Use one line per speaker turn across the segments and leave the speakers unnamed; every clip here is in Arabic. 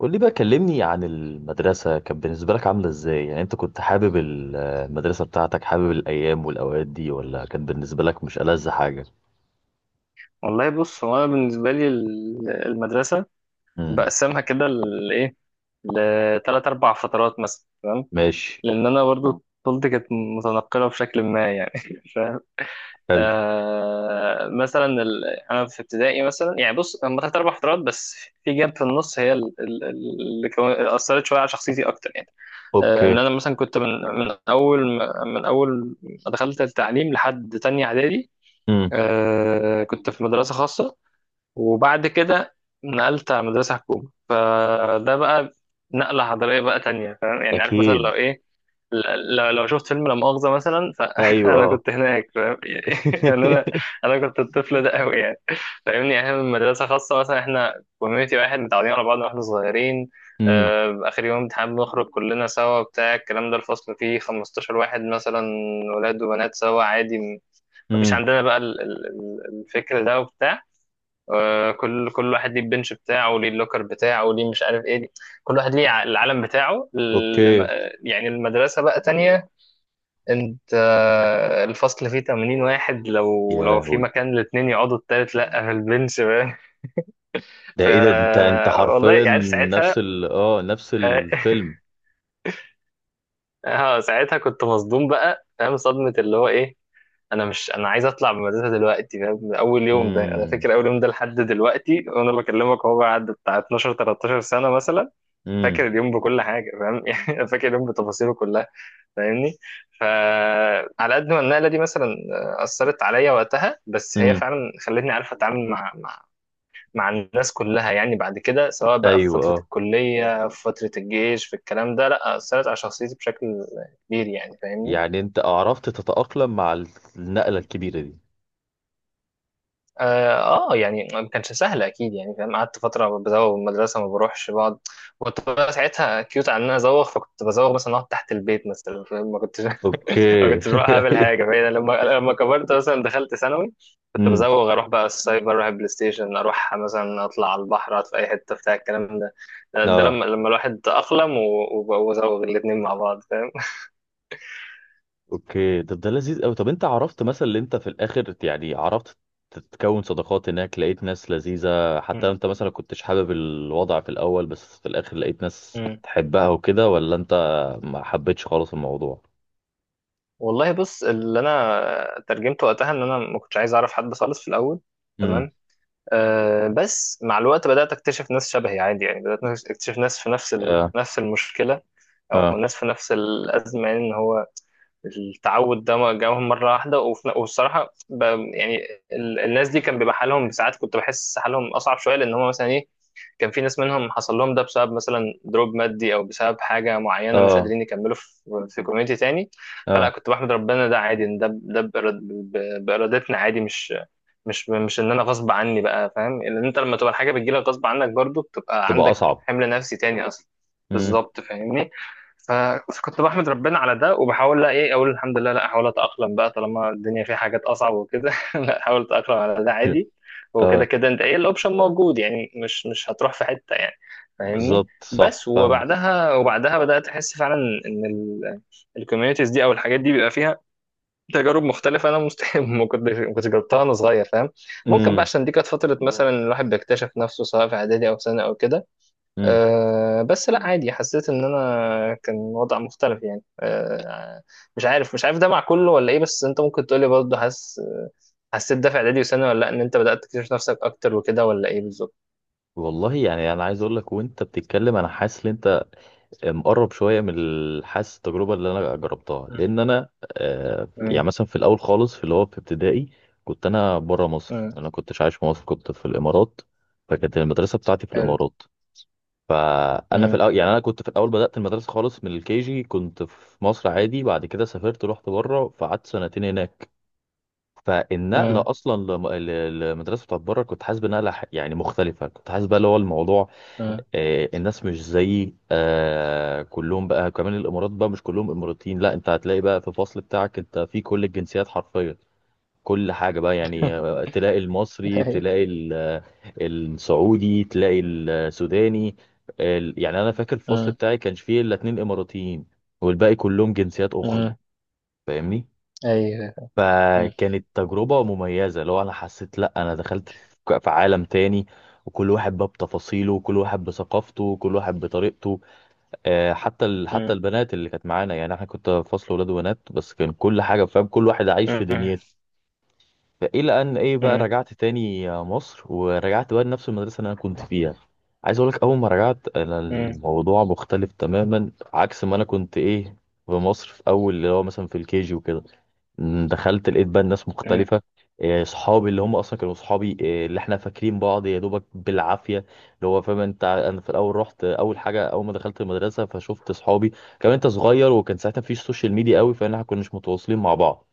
قول لي بقى، كلمني عن المدرسة. كانت بالنسبة لك عاملة ازاي؟ يعني انت كنت حابب المدرسة بتاعتك؟ حابب الأيام والأوقات دي، ولا كانت بالنسبة لك مش ألذ حاجة؟
والله بص، هو انا بالنسبه لي المدرسه
امم.
بقسمها كده لايه، لثلاث اربع فترات مثلا. تمام.
ماشي.
لان انا برضو طفولتي كانت متنقله بشكل ما يعني. فاهم؟
حلو.
مثلا انا في ابتدائي مثلا، يعني بص هم ثلاث اربع فترات بس. في جاب في النص، هي اللي اثرت شويه على شخصيتي اكتر يعني. ان
اوكي.
انا مثلا كنت من اول ما دخلت التعليم لحد تانية اعدادي.
امم.
كنت في مدرسه خاصه، وبعد كده نقلت على مدرسة حكومة. فده بقى نقلة حضارية بقى تانية، فاهم يعني؟ عارف مثلا،
اكيد.
لو إيه، لو شفت فيلم لا مؤاخذة مثلا،
ايوه،
فأنا
اه.
كنت هناك، فاهم يعني؟ أنا أنا كنت الطفل ده أوي يعني، فاهمني؟ يعني إحنا من مدرسة خاصة مثلا، إحنا كوميونيتي واحد، متعودين على بعض وإحنا صغيرين.
امم.
آخر يوم امتحان بنخرج كلنا سوا، بتاع الكلام ده. الفصل فيه 15 واحد مثلا، ولاد وبنات سوا عادي. مفيش
امم.
عندنا بقى الفكر ده وبتاع. كل واحد ليه البنش بتاعه، ليه اللوكر بتاعه، ليه مش عارف ايه. كل واحد ليه العالم بتاعه.
اوكي.
يعني المدرسة بقى تانية. انت، الفصل فيه 80 واحد، لو
يا
لو في
لهوي!
مكان الاتنين يقعدوا التالت لا في البنش بقى.
ده
ف
ايه ده؟ انت
والله
حرفيا
يعني، ساعتها
نفس
اه
الفيلم.
ساعتها كنت مصدوم بقى، فاهم، صدمة اللي هو ايه. انا مش، انا عايز اطلع من المدرسه دلوقتي، فاهم. من اول يوم ده، انا
امم.
فاكر اول يوم ده لحد دلوقتي وانا بكلمك، هو بعد بتاع 12 13 سنه مثلا. فاكر
امم.
اليوم بكل حاجه، فاهم. يعني فاكر اليوم بتفاصيله كلها، فاهمني. فعلى قد ما النقله دي مثلا اثرت عليا وقتها، بس هي
امم.
فعلا خلتني عارف اتعامل مع الناس كلها يعني. بعد كده، سواء بقى في
ايوه،
فتره
اه.
الكليه، في فتره الجيش، في الكلام ده، لا اثرت على شخصيتي بشكل كبير يعني، فاهمني.
يعني انت عرفت تتأقلم مع النقلة الكبيرة دي؟
اه. يعني ما كانش سهل اكيد يعني، فاهم. قعدت فتره بزوغ من المدرسه ما بروحش، بقعد. كنت بقى ساعتها كيوت على ان انا ازوغ، فكنت بزوغ مثلا، اقعد تحت البيت مثلا، فاهم. ما كنتش ما
اوكي.
كنتش بروح اعمل حاجه، فاهم. لما كبرت مثلا دخلت ثانوي. كنت
امم.
بزوغ، اروح بقى السايبر، اروح البلاي ستيشن، اروح مثلا اطلع على البحر، اقعد في اي حته، بتاع الكلام ده. ده
اه.
لما الواحد اقلم وزوغ الاثنين مع بعض، فاهم.
اوكي. طب ده لذيذ قوي. طب انت عرفت مثلا، اللي انت في الاخر، يعني عرفت تتكون صداقات هناك؟ لقيت ناس لذيذة حتى لو
مم.
انت مثلا كنتش حابب الوضع في الاول، بس في الاخر لقيت ناس
مم.
تحبها وكده؟ ولا انت ما حبيتش خالص الموضوع؟
والله بص، اللي انا ترجمته وقتها ان انا ما كنتش عايز اعرف حد خالص في الاول.
امم.
تمام. بس مع الوقت بدأت أكتشف ناس شبهي عادي يعني. بدأت أكتشف ناس في
اه.
نفس المشكلة، أو
اه.
ناس في نفس الأزمة، يعني إن هو التعود ده ما جاهم مرة واحدة. يعني الناس دي كان بيبقى حالهم، ساعات كنت بحس حالهم أصعب شوية، لأن هم مثلا إيه، كان في ناس منهم حصل لهم ده بسبب مثلا دروب مادي، أو بسبب حاجة معينة مش
اه.
قادرين يكملوا في كوميونتي تاني. فلا
اه.
كنت بحمد ربنا ده عادي، إن ده بإرادتنا عادي، مش ان انا غصب عني بقى، فاهم. لان انت لما تبقى الحاجه بتجيلك غصب عنك، برضو بتبقى
تبقى
عندك
اصعب.
حمل نفسي تاني اصلا.
امم.
بالظبط، فاهمني. ف- فكنت بحمد ربنا على ده، وبحاول لا، ايه، اقول الحمد لله. لا، احاول اتاقلم بقى طالما الدنيا فيها حاجات اصعب وكده. لا، احاول اتاقلم على ده عادي. وكده
اه.
كده، انت، ايه، الاوبشن موجود يعني، مش هتروح في حته يعني، فاهمني.
بالظبط. صح،
بس
فاهم.
وبعدها، بدات احس فعلا ان الكوميونيتيز دي او الحاجات دي بيبقى فيها تجارب مختلفة. أنا مستحيل ما كنتش جربتها وأنا صغير، فاهم. ممكن بقى
امم.
عشان دي كانت فترة مثلا الواحد بيكتشف نفسه، سواء في إعدادي أو سنة أو كده.
امم.
بس لا عادي، حسيت إن أنا كان وضع مختلف يعني. مش عارف ده مع كله ولا إيه، بس أنت ممكن تقولي برضه. حسيت ده في إعدادي وسنة ولا لأ؟ إن أنت بدأت تكتشف نفسك أكتر وكده، ولا إيه بالظبط؟
والله يعني انا عايز اقول لك، وانت بتتكلم انا حاسس ان انت مقرب شويه من الحاسس التجربه اللي انا جربتها.
مم.
لان انا
مم.
يعني مثلا في الاول خالص، في اللي هو في ابتدائي، كنت انا بره مصر.
مم.
انا كنتش عايش في مصر، كنت في الامارات. فكانت المدرسه بتاعتي في
حلو.
الامارات. فانا في
مم.
الاول يعني، انا كنت في الاول بدات المدرسه خالص من الكي جي كنت في مصر عادي. بعد كده سافرت، رحت بره، فقعدت سنتين هناك. فالنقله
مم.
اصلا للمدرسه بتاعت بره كنت حاسس بنقله يعني مختلفه. كنت حاسس بقى اللي هو الموضوع
مم.
الناس مش زي كلهم. بقى كمان الامارات بقى مش كلهم اماراتيين، لا انت هتلاقي بقى في الفصل بتاعك انت في كل الجنسيات حرفيا. كل حاجة بقى، يعني تلاقي المصري،
أيوه.
تلاقي السعودي، تلاقي السوداني. يعني انا فاكر الفصل
مم.
بتاعي كانش فيه الا 2 اماراتيين، والباقي كلهم جنسيات اخرى،
مم.
فاهمني؟
أيوه. مم.
فكانت تجربة مميزة. لو انا حسيت، لا انا دخلت في عالم تاني، وكل واحد بقى بتفاصيله، وكل واحد بثقافته، وكل واحد بطريقته. حتى
مم.
حتى البنات اللي كانت معانا، يعني احنا كنت فصل ولاد وبنات، بس كان كل حاجه فاهم، كل واحد عايش في
مم.
دنيته. فالى ان ايه بقى، رجعت تاني مصر، ورجعت بقى لنفس المدرسه اللي انا كنت فيها. عايز اقول لك، اول ما رجعت انا
مم.
الموضوع مختلف تماما عكس ما انا كنت ايه في مصر، في اول اللي هو مثلا في الكيجي وكده. دخلت لقيت بقى الناس
مم.
مختلفة. صحابي اللي هم اصلا كانوا صحابي، اللي احنا فاكرين بعض يا دوبك بالعافية. اللي هو فاهم انت، انا في الاول رحت، اول حاجة اول ما دخلت المدرسة فشفت صحابي. كمان انت صغير، وكان ساعتها مفيش سوشيال ميديا قوي، فاحنا كناش متواصلين مع بعض.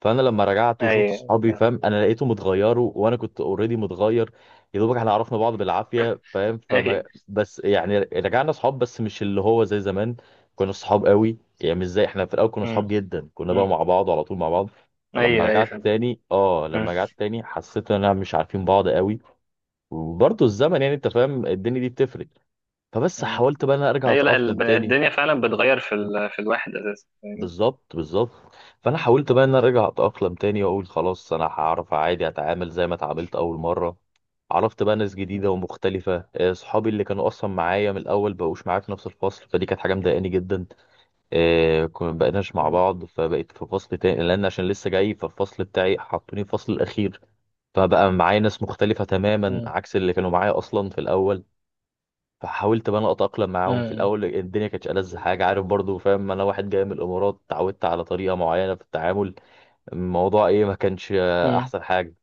فانا لما رجعت وشفت
ايوه،
صحابي
فاهم.
فاهم، انا لقيته متغيروا، وانا كنت اوريدي متغير. يا دوبك احنا عرفنا بعض بالعافيه فاهم. فما
ايوه.
بس يعني رجعنا صحاب، بس مش اللي هو زي زمان كنا صحاب قوي. يعني مش زي احنا في الاول كنا صحاب
أمم.
جدا، كنا بقى
أمم.
مع بعض وعلى طول مع بعض. فلما
ايوه، ايوه،
رجعت
فاهم.
تاني اه
أمم.
لما رجعت تاني حسيت ان انا مش عارفين بعض قوي. وبرضه الزمن يعني، انت فاهم الدنيا دي بتفرق. فبس
أمم.
حاولت بقى إن انا ارجع
ايوه، لا
اتاقلم تاني.
الدنيا فعلا بتغير في في الواحد اساسا، فاهمني؟
بالظبط، بالظبط. فانا حاولت بقى ان انا ارجع اتاقلم تاني، واقول خلاص انا هعرف عادي اتعامل زي ما اتعاملت اول مره. عرفت بقى ناس
أمم.
جديده ومختلفه. صحابي اللي كانوا اصلا معايا من الاول بقوش معايا في نفس الفصل، فدي كانت حاجه مضايقاني جدا. كنا بقيناش مع
أمم.
بعض، فبقيت في فصل تاني لان عشان لسه جاي، فالفصل بتاعي حطوني في الفصل الاخير. فبقى معايا ناس مختلفه تماما
أمم.
عكس اللي كانوا معايا اصلا في الاول. فحاولت بقى انا اتاقلم معاهم. في
أمم.
الاول الدنيا كانتش ألذ حاجه، عارف برضو فاهم. انا واحد جاي من الامارات، اتعودت على طريقه معينه في التعامل. الموضوع ايه، ما كانش
أمم.
احسن حاجه.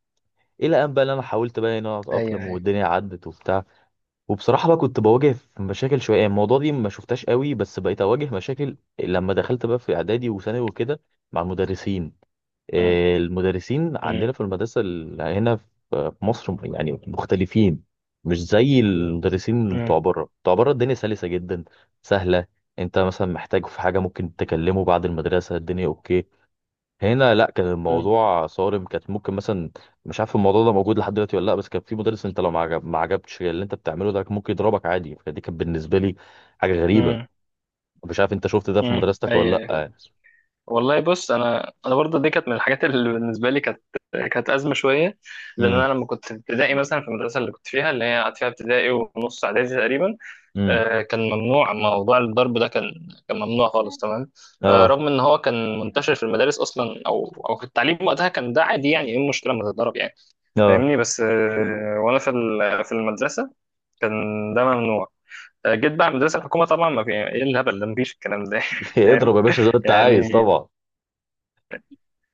الى ان بقى إن انا حاولت بقى ان انا
ايوه،
اتاقلم،
ايوه.
والدنيا عدت وبتاع. وبصراحه بقى كنت بواجه في مشاكل شويه. يعني الموضوع دي ما شفتهاش قوي، بس بقيت اواجه مشاكل لما دخلت بقى في اعدادي وثانوي وكده، مع المدرسين.
أمم.
المدرسين عندنا
أمم.
في المدرسة هنا في مصر يعني مختلفين. مش زي المدرسين بتوع
أمم.
بره. بتوع بره الدنيا سلسة جدا، سهلة. انت مثلا محتاج في حاجة، ممكن تكلمه بعد المدرسة، الدنيا اوكي. هنا لا، كان
أمم.
الموضوع صارم. كانت ممكن مثلا، مش عارف الموضوع ده موجود لحد دلوقتي ولا لا، بس كان في مدرس انت لو ما عجبتش اللي انت بتعمله ده، كان ممكن يضربك عادي. فدي كانت بالنسبة لي حاجة غريبة.
أمم.
مش عارف انت شفت ده في
أمم.
مدرستك
ايوه،
ولا لا
أيوة.
يعني؟
والله بص، انا، برضه دي كانت من الحاجات اللي بالنسبه لي كانت، ازمه شويه. لان
امم.
انا لما كنت في ابتدائي مثلا، في المدرسه اللي كنت فيها، اللي هي قعدت فيها ابتدائي ونص اعدادي تقريبا،
امم.
كان ممنوع موضوع الضرب ده، كان ممنوع خالص. تمام.
اه.
رغم ان هو كان منتشر في المدارس اصلا، او في التعليم وقتها كان ده عادي. يعني ايه المشكله ما تتضرب يعني،
اه.
فاهمني. بس، وانا في المدرسه كان ده ممنوع. جيت بقى المدرسه الحكومه، طبعا ما في ايه الهبل ده، مفيش الكلام ده.
اضرب
فاهم
يا باشا زي ما انت عايز
يعني،
طبعا.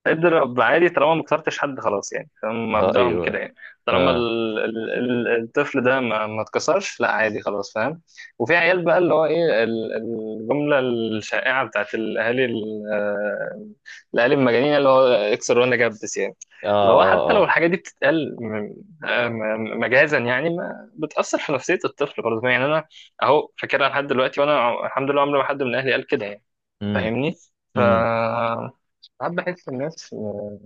اضرب عادي، طالما ما كسرتش حد خلاص يعني، فاهم.
اه،
مبدأهم
ايوه.
كده يعني، طالما
اه.
الطفل ده ما اتكسرش، لا عادي خلاص، فاهم. وفي عيال بقى اللي هو ايه الجملة الشائعة بتاعت الاهالي، الاهالي المجانين، اللي هو اكسر وانا جبس يعني.
اه.
اللي هو حتى
اه.
لو
اه.
الحاجة دي بتتقال مجازا يعني، ما بتأثر في نفسية الطفل برضه يعني. انا اهو فاكرها لحد دلوقتي، وانا الحمد لله عمري ما حد من اهلي قال كده يعني،
امم.
فاهمني. ف
امم.
ساعات بحس الناس، م-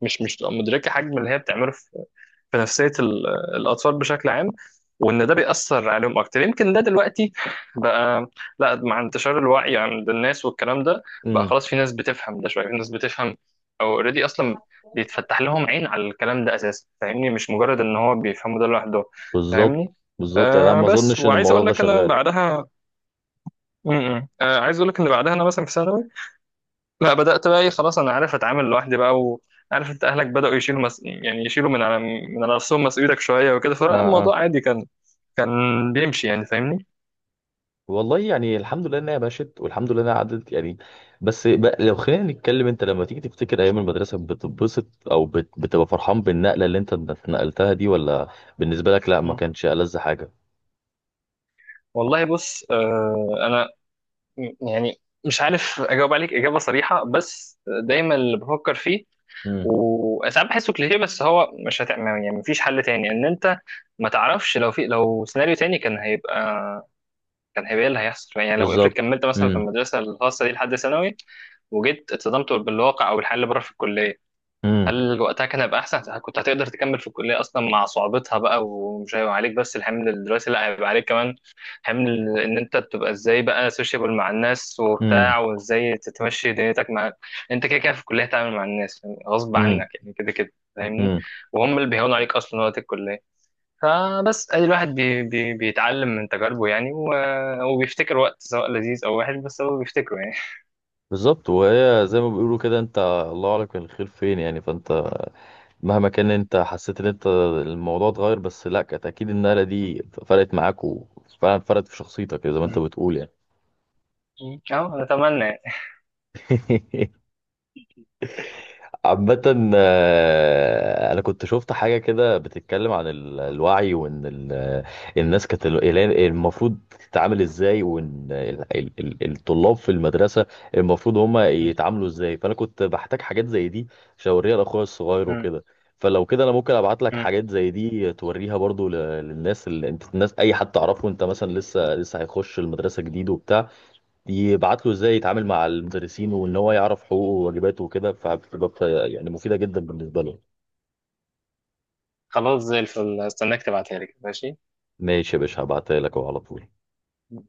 مش مش بتبقى مدركه حجم اللي هي بتعمله في نفسيه الاطفال بشكل عام، وان ده بيأثر عليهم اكتر. يمكن ده دلوقتي بقى، لا، مع انتشار الوعي عند الناس والكلام ده، بقى
امم.
خلاص في ناس بتفهم ده شويه، في ناس بتفهم او اوريدي اصلا بيتفتح لهم عين على الكلام ده اساسا، فاهمني. مش مجرد ان هو بيفهموا ده لوحده،
بالظبط،
فاهمني.
بالظبط. يعني انا ما
بس
اظنش ان
وعايز
الموضوع
اقول
ده
لك انا
شغال.
بعدها م -م. عايز اقول لك ان بعدها انا مثلا في ثانوي، لا بدأت بقى، ايه، خلاص انا عارف اتعامل لوحدي بقى. وعارف، انت اهلك بدأوا يشيلوا يعني يشيلوا من على نفسهم مسؤوليتك شوية وكده.
اه. اه.
فالموضوع عادي، كان بيمشي يعني، فاهمني.
والله يعني الحمد لله انها مشت، والحمد لله انها عدت يعني. بس بقى لو خلينا نتكلم، انت لما تيجي تفتكر ايام المدرسه بتتبسط، او بتبقى فرحان بالنقله اللي انت اتنقلتها دي؟ ولا بالنسبه لك لا ما
مم.
كانش ألذ حاجه؟
والله بص، انا، يعني مش عارف اجاوب عليك اجابة صريحة، بس دايما اللي بفكر فيه
امم.
وساعات بحسه كليشيه، بس هو مش هتعمل يعني، مفيش حل تاني. ان انت ما تعرفش، لو في، لو سيناريو تاني كان هيبقى، إيه اللي هيحصل يعني، لو افرض
بالظبط.
كملت مثلا في
امم.
المدرسه الخاصه دي لحد ثانوي وجيت اتصدمت بالواقع او بالحياه اللي بره في الكليه،
امم.
هل وقتها كان هيبقى احسن؟ كنت هتقدر تكمل في الكليه اصلا مع صعوبتها بقى؟ ومش هيبقى عليك بس الحمل الدراسي، لا هيبقى عليك كمان حمل ان انت بتبقى ازاي بقى سوشيبل مع الناس
امم.
وبتاع، وازاي تتمشي دنيتك مع. انت كده كده في الكليه هتتعامل مع الناس يعني غصب عنك يعني، كده كده، فاهمني.
امم.
وهم اللي بيهونوا عليك اصلا وقت الكليه. فبس ادي الواحد بي بي بيتعلم من تجاربه يعني، وبيفتكر وقت سواء لذيذ او وحش، بس هو بيفتكره يعني.
بالظبط. وهي زي ما بيقولوا كده، انت الله اعلم كان الخير فين يعني. فانت مهما كان، انت حسيت ان انت الموضوع اتغير، بس لا كانت اكيد النقله دي فرقت معاك، وفعلا فرقت في شخصيتك زي ما
مم.
انت
مم.
بتقول
اه، اتمنى يعني.
يعني. عامة أنا كنت شفت حاجة كده بتتكلم عن الوعي، وإن الناس كانت المفروض تتعامل إزاي، وإن الطلاب في المدرسة المفروض هما
مم.
يتعاملوا إزاي. فأنا كنت بحتاج حاجات زي دي عشان أوريها لأخويا الصغير
مم.
وكده. فلو كده أنا ممكن أبعت لك
مم.
حاجات زي دي، توريها برضو للناس اللي أنت، الناس أي حد تعرفه أنت، مثلا لسه هيخش المدرسة جديد وبتاع، يبعت له ازاي يتعامل
مم.
مع المدرسين، وان هو يعرف حقوقه وواجباته وكده. فبتبقى يعني مفيده جدا بالنسبه له.
خلاص، زي الفل. استناك تبعتها لي، ماشي.
ماشي يا باشا، هبعتها لك اهو على طول.
مم.